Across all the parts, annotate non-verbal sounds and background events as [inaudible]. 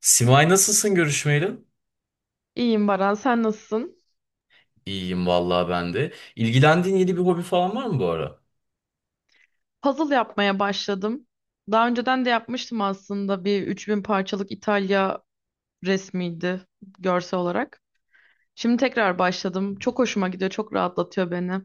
Simay, nasılsın görüşmeyeli? İyiyim Baran, sen nasılsın? İyiyim vallahi ben de. İlgilendiğin yeni bir hobi falan var mı bu ara? Puzzle yapmaya başladım. Daha önceden de yapmıştım aslında bir 3000 parçalık İtalya resmiydi görsel olarak. Şimdi tekrar başladım. Çok hoşuma gidiyor, çok rahatlatıyor beni.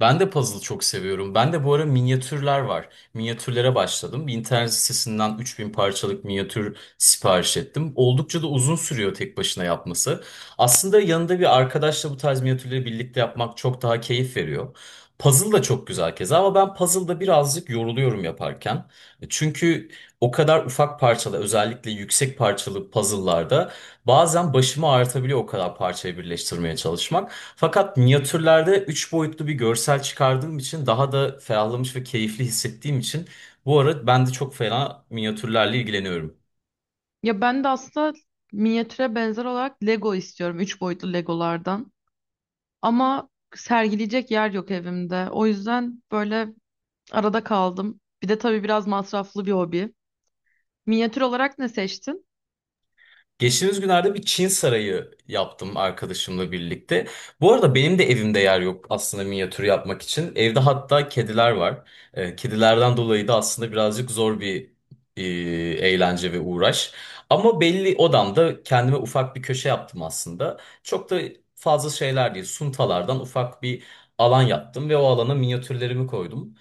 Ben de puzzle çok seviyorum. Ben de bu ara minyatürler var. Minyatürlere başladım. Bir internet sitesinden 3.000 parçalık minyatür sipariş ettim. Oldukça da uzun sürüyor tek başına yapması. Aslında yanında bir arkadaşla bu tarz minyatürleri birlikte yapmak çok daha keyif veriyor. Puzzle da çok güzel keza ama ben puzzle'da birazcık yoruluyorum yaparken. Çünkü o kadar ufak parçalı, özellikle yüksek parçalı puzzle'larda bazen başıma artabiliyor o kadar parçayı birleştirmeye çalışmak. Fakat minyatürlerde 3 boyutlu bir görsel çıkardığım için daha da ferahlamış ve keyifli hissettiğim için bu ara ben de çok fena minyatürlerle ilgileniyorum. Ya ben de aslında minyatüre benzer olarak Lego istiyorum, 3 boyutlu Legolardan. Ama sergileyecek yer yok evimde. O yüzden böyle arada kaldım. Bir de tabii biraz masraflı bir hobi. Minyatür olarak ne seçtin? Geçtiğimiz günlerde bir Çin sarayı yaptım arkadaşımla birlikte. Bu arada benim de evimde yer yok aslında minyatür yapmak için. Evde hatta kediler var. Kedilerden dolayı da aslında birazcık zor bir e, eğlence ve uğraş. Ama belli odamda kendime ufak bir köşe yaptım aslında. Çok da fazla şeyler değil. Suntalardan ufak bir alan yaptım ve o alana minyatürlerimi koydum.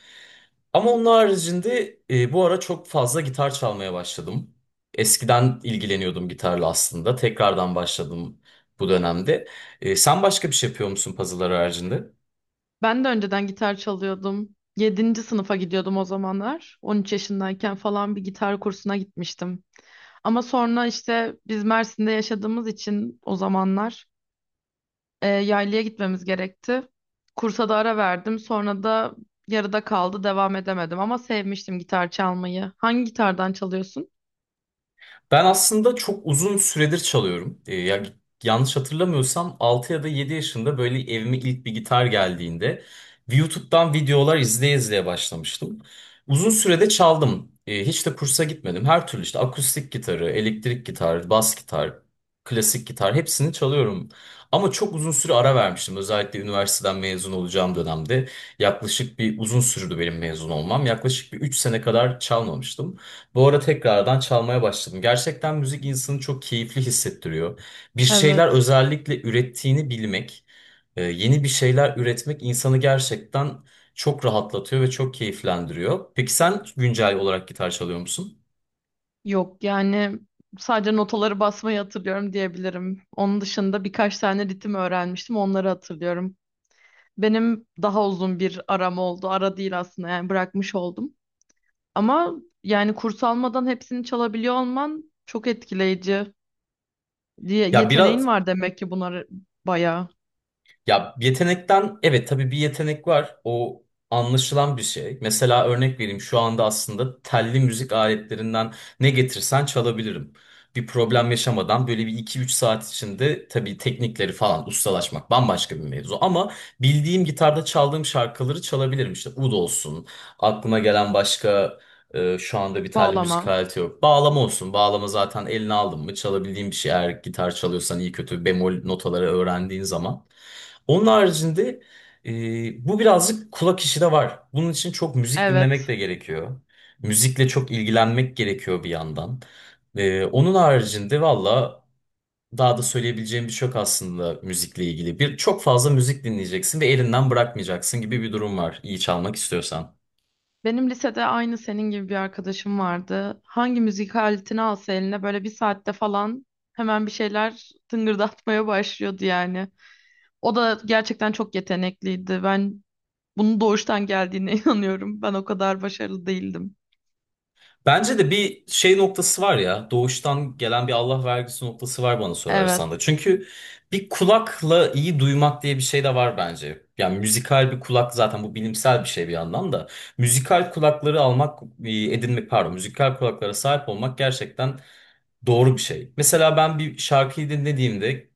Ama onun haricinde bu ara çok fazla gitar çalmaya başladım. Eskiden ilgileniyordum gitarla aslında. Tekrardan başladım bu dönemde. Sen başka bir şey yapıyor musun puzzle'lar haricinde? Ben de önceden gitar çalıyordum. Yedinci sınıfa gidiyordum o zamanlar. 13 yaşındayken falan bir gitar kursuna gitmiştim. Ama sonra işte biz Mersin'de yaşadığımız için o zamanlar yaylaya gitmemiz gerekti. Kursa da ara verdim. Sonra da yarıda kaldı, devam edemedim. Ama sevmiştim gitar çalmayı. Hangi gitardan çalıyorsun? Ben aslında çok uzun süredir çalıyorum. Ya, yanlış hatırlamıyorsam 6 ya da 7 yaşında böyle evime ilk bir gitar geldiğinde YouTube'dan videolar izleye izleye başlamıştım. Uzun sürede çaldım. Hiç de kursa gitmedim. Her türlü işte akustik gitarı, elektrik gitar, bas gitar, klasik gitar, hepsini çalıyorum. Ama çok uzun süre ara vermiştim. Özellikle üniversiteden mezun olacağım dönemde yaklaşık bir uzun sürdü benim mezun olmam. Yaklaşık bir 3 sene kadar çalmamıştım. Bu ara tekrardan çalmaya başladım. Gerçekten müzik insanı çok keyifli hissettiriyor. Bir şeyler Evet. özellikle ürettiğini bilmek, yeni bir şeyler üretmek insanı gerçekten çok rahatlatıyor ve çok keyiflendiriyor. Peki sen güncel olarak gitar çalıyor musun? Yok yani sadece notaları basmayı hatırlıyorum diyebilirim. Onun dışında birkaç tane ritim öğrenmiştim. Onları hatırlıyorum. Benim daha uzun bir aram oldu. Ara değil aslında yani bırakmış oldum. Ama yani kurs almadan hepsini çalabiliyor olman çok etkileyici diye Ya yeteneğin biraz. var demek ki bunları bayağı Ya yetenekten, evet, tabii bir yetenek var. O anlaşılan bir şey. Mesela örnek vereyim, şu anda aslında telli müzik aletlerinden ne getirsen çalabilirim. Bir problem yaşamadan, böyle bir iki üç saat içinde. Tabii teknikleri falan ustalaşmak bambaşka bir mevzu. Ama bildiğim, gitarda çaldığım şarkıları çalabilirim. İşte ud olsun, aklıma gelen başka şu anda bir telli müzik bağlama. aleti yok. Bağlama olsun, bağlama zaten eline aldın mı çalabildiğin bir şey, eğer gitar çalıyorsan iyi kötü bemol notaları öğrendiğin zaman. Onun haricinde bu birazcık kulak işi de var. Bunun için çok müzik dinlemek Evet. de gerekiyor. Müzikle çok ilgilenmek gerekiyor bir yandan. Onun haricinde valla daha da söyleyebileceğim bir şey yok aslında müzikle ilgili. Bir çok fazla müzik dinleyeceksin ve elinden bırakmayacaksın gibi bir durum var iyi çalmak istiyorsan. Benim lisede aynı senin gibi bir arkadaşım vardı. Hangi müzik aletini alsa eline böyle bir saatte falan hemen bir şeyler tıngırdatmaya başlıyordu yani. O da gerçekten çok yetenekliydi. Ben bunun doğuştan geldiğine [laughs] inanıyorum. Ben o kadar başarılı değildim. Bence de bir şey noktası var ya. Doğuştan gelen bir Allah vergisi noktası var bana sorarsan da. Evet. Çünkü bir kulakla iyi duymak diye bir şey de var bence. Yani müzikal bir kulak, zaten bu bilimsel bir şey bir yandan da. Müzikal kulakları almak, edinmek pardon, müzikal kulaklara sahip olmak gerçekten doğru bir şey. Mesela ben bir şarkıyı dinlediğimde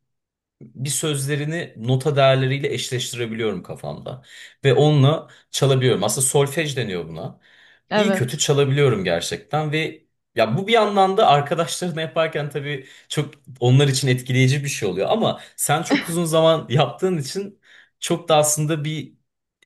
bir sözlerini nota değerleriyle eşleştirebiliyorum kafamda. Ve onunla çalabiliyorum. Aslında solfej deniyor buna. İyi kötü Evet. çalabiliyorum gerçekten ve ya, bu bir yandan da arkadaşlarına yaparken tabii çok onlar için etkileyici bir şey oluyor, ama sen çok uzun zaman yaptığın için çok da aslında bir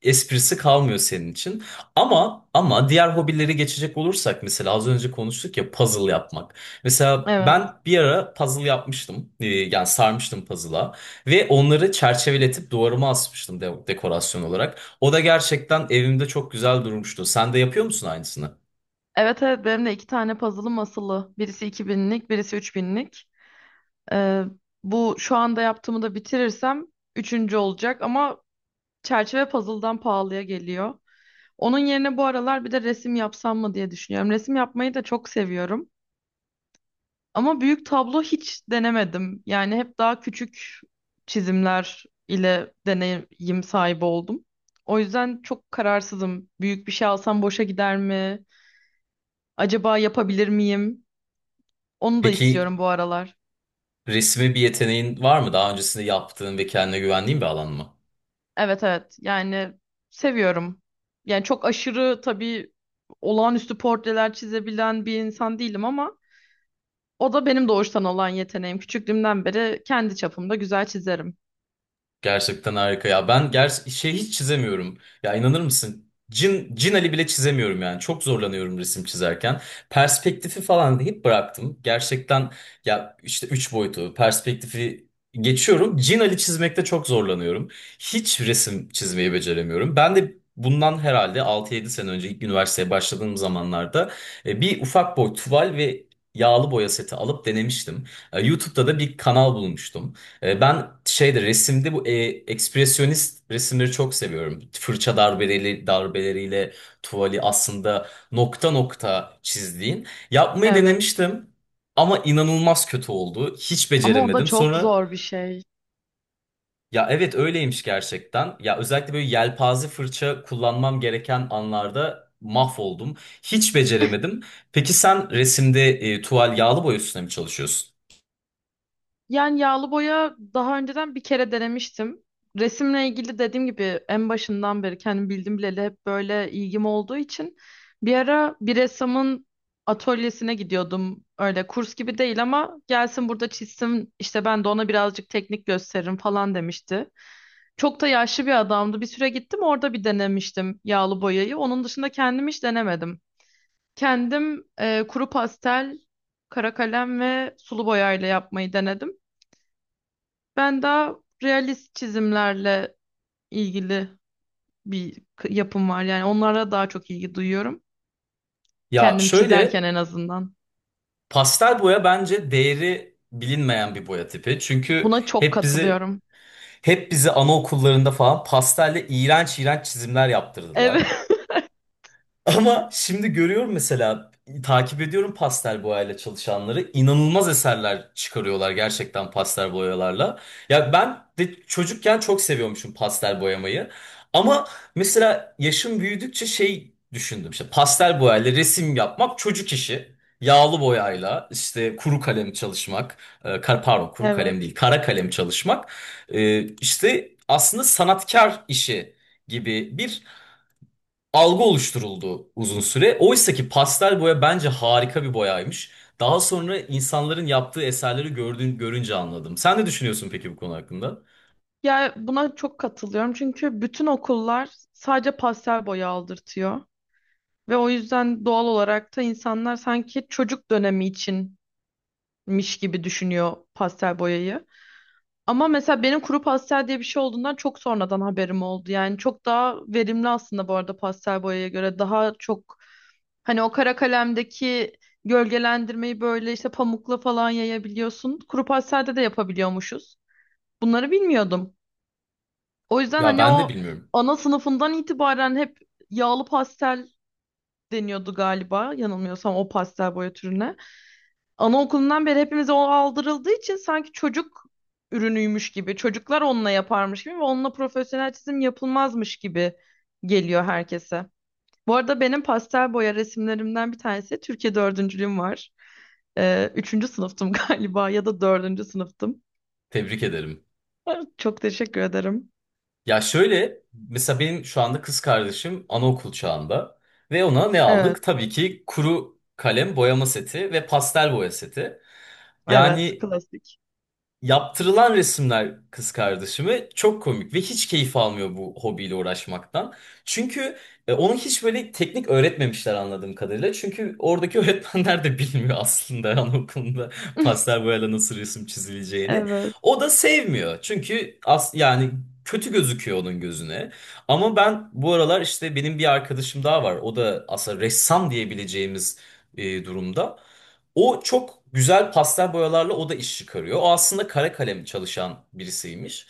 esprisi kalmıyor senin için. Ama diğer hobileri geçecek olursak, mesela az önce konuştuk ya, puzzle yapmak. Mesela Evet. ben bir ara puzzle yapmıştım. Yani sarmıştım puzzle'a. Ve onları çerçeveletip duvarıma asmıştım dekorasyon olarak. O da gerçekten evimde çok güzel durmuştu. Sen de yapıyor musun aynısını? Evet evet benim de iki tane puzzle'ım asılı. Birisi 2000'lik, birisi 3000'lik. Ee, Bu şu anda yaptığımı da bitirirsem üçüncü olacak ama çerçeve puzzle'dan pahalıya geliyor. Onun yerine bu aralar bir de resim yapsam mı diye düşünüyorum. Resim yapmayı da çok seviyorum. Ama büyük tablo hiç denemedim. Yani hep daha küçük çizimler ile deneyim sahibi oldum. O yüzden çok kararsızım. Büyük bir şey alsam boşa gider mi? Acaba yapabilir miyim? Onu da Peki istiyorum bu aralar. resme bir yeteneğin var mı? Daha öncesinde yaptığın ve kendine güvendiğin bir alan mı? Evet evet. Yani seviyorum. Yani çok aşırı tabii olağanüstü portreler çizebilen bir insan değilim ama o da benim doğuştan olan yeteneğim. Küçüklüğümden beri kendi çapımda güzel çizerim. Gerçekten harika ya. Ben şey, hiç çizemiyorum. Ya, inanır mısın? Cin Ali bile çizemiyorum yani. Çok zorlanıyorum resim çizerken. Perspektifi falan deyip bıraktım. Gerçekten ya, işte üç boyutu, perspektifi geçiyorum. Cin Ali çizmekte çok zorlanıyorum. Hiç resim çizmeyi beceremiyorum. Ben de bundan herhalde 6-7 sene önce, ilk üniversiteye başladığım zamanlarda bir ufak boy tuval ve yağlı boya seti alıp denemiştim. YouTube'da da bir kanal bulmuştum. Ben şeyde, resimde bu ekspresyonist resimleri çok seviyorum. Fırça darbeleriyle tuvali aslında nokta nokta çizdiğin. Yapmayı Evet. denemiştim ama inanılmaz kötü oldu. Hiç Ama o da beceremedim. çok Sonra, zor bir şey. ya evet öyleymiş gerçekten. Ya özellikle böyle yelpaze fırça kullanmam gereken anlarda mahvoldum. Hiç beceremedim. Peki sen resimde tuval, yağlı boya üstüne mi çalışıyorsun? Yani yağlı boya daha önceden bir kere denemiştim. Resimle ilgili dediğim gibi en başından beri kendim bildim bileli hep böyle ilgim olduğu için bir ara bir ressamın atölyesine gidiyordum. Öyle kurs gibi değil ama gelsin burada çizsin işte ben de ona birazcık teknik gösteririm falan demişti. Çok da yaşlı bir adamdı. Bir süre gittim orada bir denemiştim yağlı boyayı. Onun dışında kendim hiç denemedim. Kendim kuru pastel, kara kalem ve sulu boyayla yapmayı denedim. Ben daha realist çizimlerle ilgili yapım var. Yani onlara daha çok ilgi duyuyorum. Ya Kendim çizerken şöyle. en azından. Pastel boya bence değeri bilinmeyen bir boya tipi. Çünkü Buna çok hep bizi katılıyorum. hep bizi anaokullarında falan pastelle iğrenç iğrenç çizimler Evet. yaptırdılar. [laughs] Ama şimdi görüyorum, mesela takip ediyorum pastel boyayla çalışanları. İnanılmaz eserler çıkarıyorlar gerçekten pastel boyalarla. Ya ben de çocukken çok seviyormuşum pastel boyamayı. Ama mesela yaşım büyüdükçe şey düşündüm, işte pastel boyayla resim yapmak çocuk işi. Yağlı boyayla, işte kuru kalem çalışmak, pardon kuru kalem Evet. değil, kara kalem çalışmak, işte aslında sanatkar işi gibi bir algı oluşturuldu uzun süre. Oysa ki pastel boya bence harika bir boyaymış. Daha sonra insanların yaptığı eserleri görünce anladım. Sen ne düşünüyorsun peki bu konu hakkında? Ya buna çok katılıyorum çünkü bütün okullar sadece pastel boya aldırtıyor ve o yüzden doğal olarak da insanlar sanki çocuk dönemi içinmiş gibi düşünüyor pastel boyayı. Ama mesela benim kuru pastel diye bir şey olduğundan çok sonradan haberim oldu. Yani çok daha verimli aslında bu arada pastel boyaya göre. Daha çok hani o kara kalemdeki gölgelendirmeyi böyle işte pamukla falan yayabiliyorsun. Kuru pastelde de yapabiliyormuşuz. Bunları bilmiyordum. O yüzden Ya, hani ben de o bilmiyorum. ana sınıfından itibaren hep yağlı pastel deniyordu galiba yanılmıyorsam o pastel boya türüne. Anaokulundan beri hepimize o aldırıldığı için sanki çocuk ürünüymüş gibi, çocuklar onunla yaparmış gibi ve onunla profesyonel çizim yapılmazmış gibi geliyor herkese. Bu arada benim pastel boya resimlerimden bir tanesi Türkiye dördüncülüğüm var. Üçüncü sınıftım [laughs] galiba ya da dördüncü sınıftım. Tebrik ederim. [laughs] Çok teşekkür ederim. Ya şöyle, mesela benim şu anda kız kardeşim anaokul çağında, ve ona ne aldık? Evet, Tabii ki kuru kalem boyama seti ve pastel boya seti. evet, Yani, klasik. yaptırılan resimler kız kardeşime çok komik ve hiç keyif almıyor bu hobiyle uğraşmaktan. Çünkü onu hiç böyle teknik öğretmemişler anladığım kadarıyla. Çünkü oradaki [laughs] öğretmenler de bilmiyor aslında anaokulunda pastel [laughs] boyayla nasıl resim çizileceğini. Evet. O da sevmiyor. Çünkü yani kötü gözüküyor onun gözüne. Ama ben bu aralar, işte benim bir arkadaşım daha var. O da aslında ressam diyebileceğimiz durumda. O çok güzel, pastel boyalarla o da iş çıkarıyor. O aslında kara kalem çalışan birisiymiş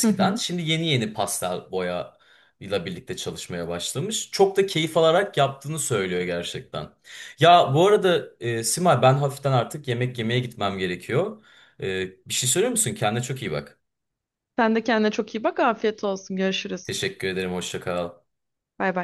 Hı hı. Şimdi yeni yeni pastel boya ile birlikte çalışmaya başlamış. Çok da keyif alarak yaptığını söylüyor gerçekten. Ya bu arada Simay, ben hafiften artık yemek yemeye gitmem gerekiyor. Bir şey söylüyor musun? Kendine çok iyi bak. Sen de kendine çok iyi bak. Afiyet olsun. Görüşürüz. Teşekkür ederim. Hoşça kal. Bay bay.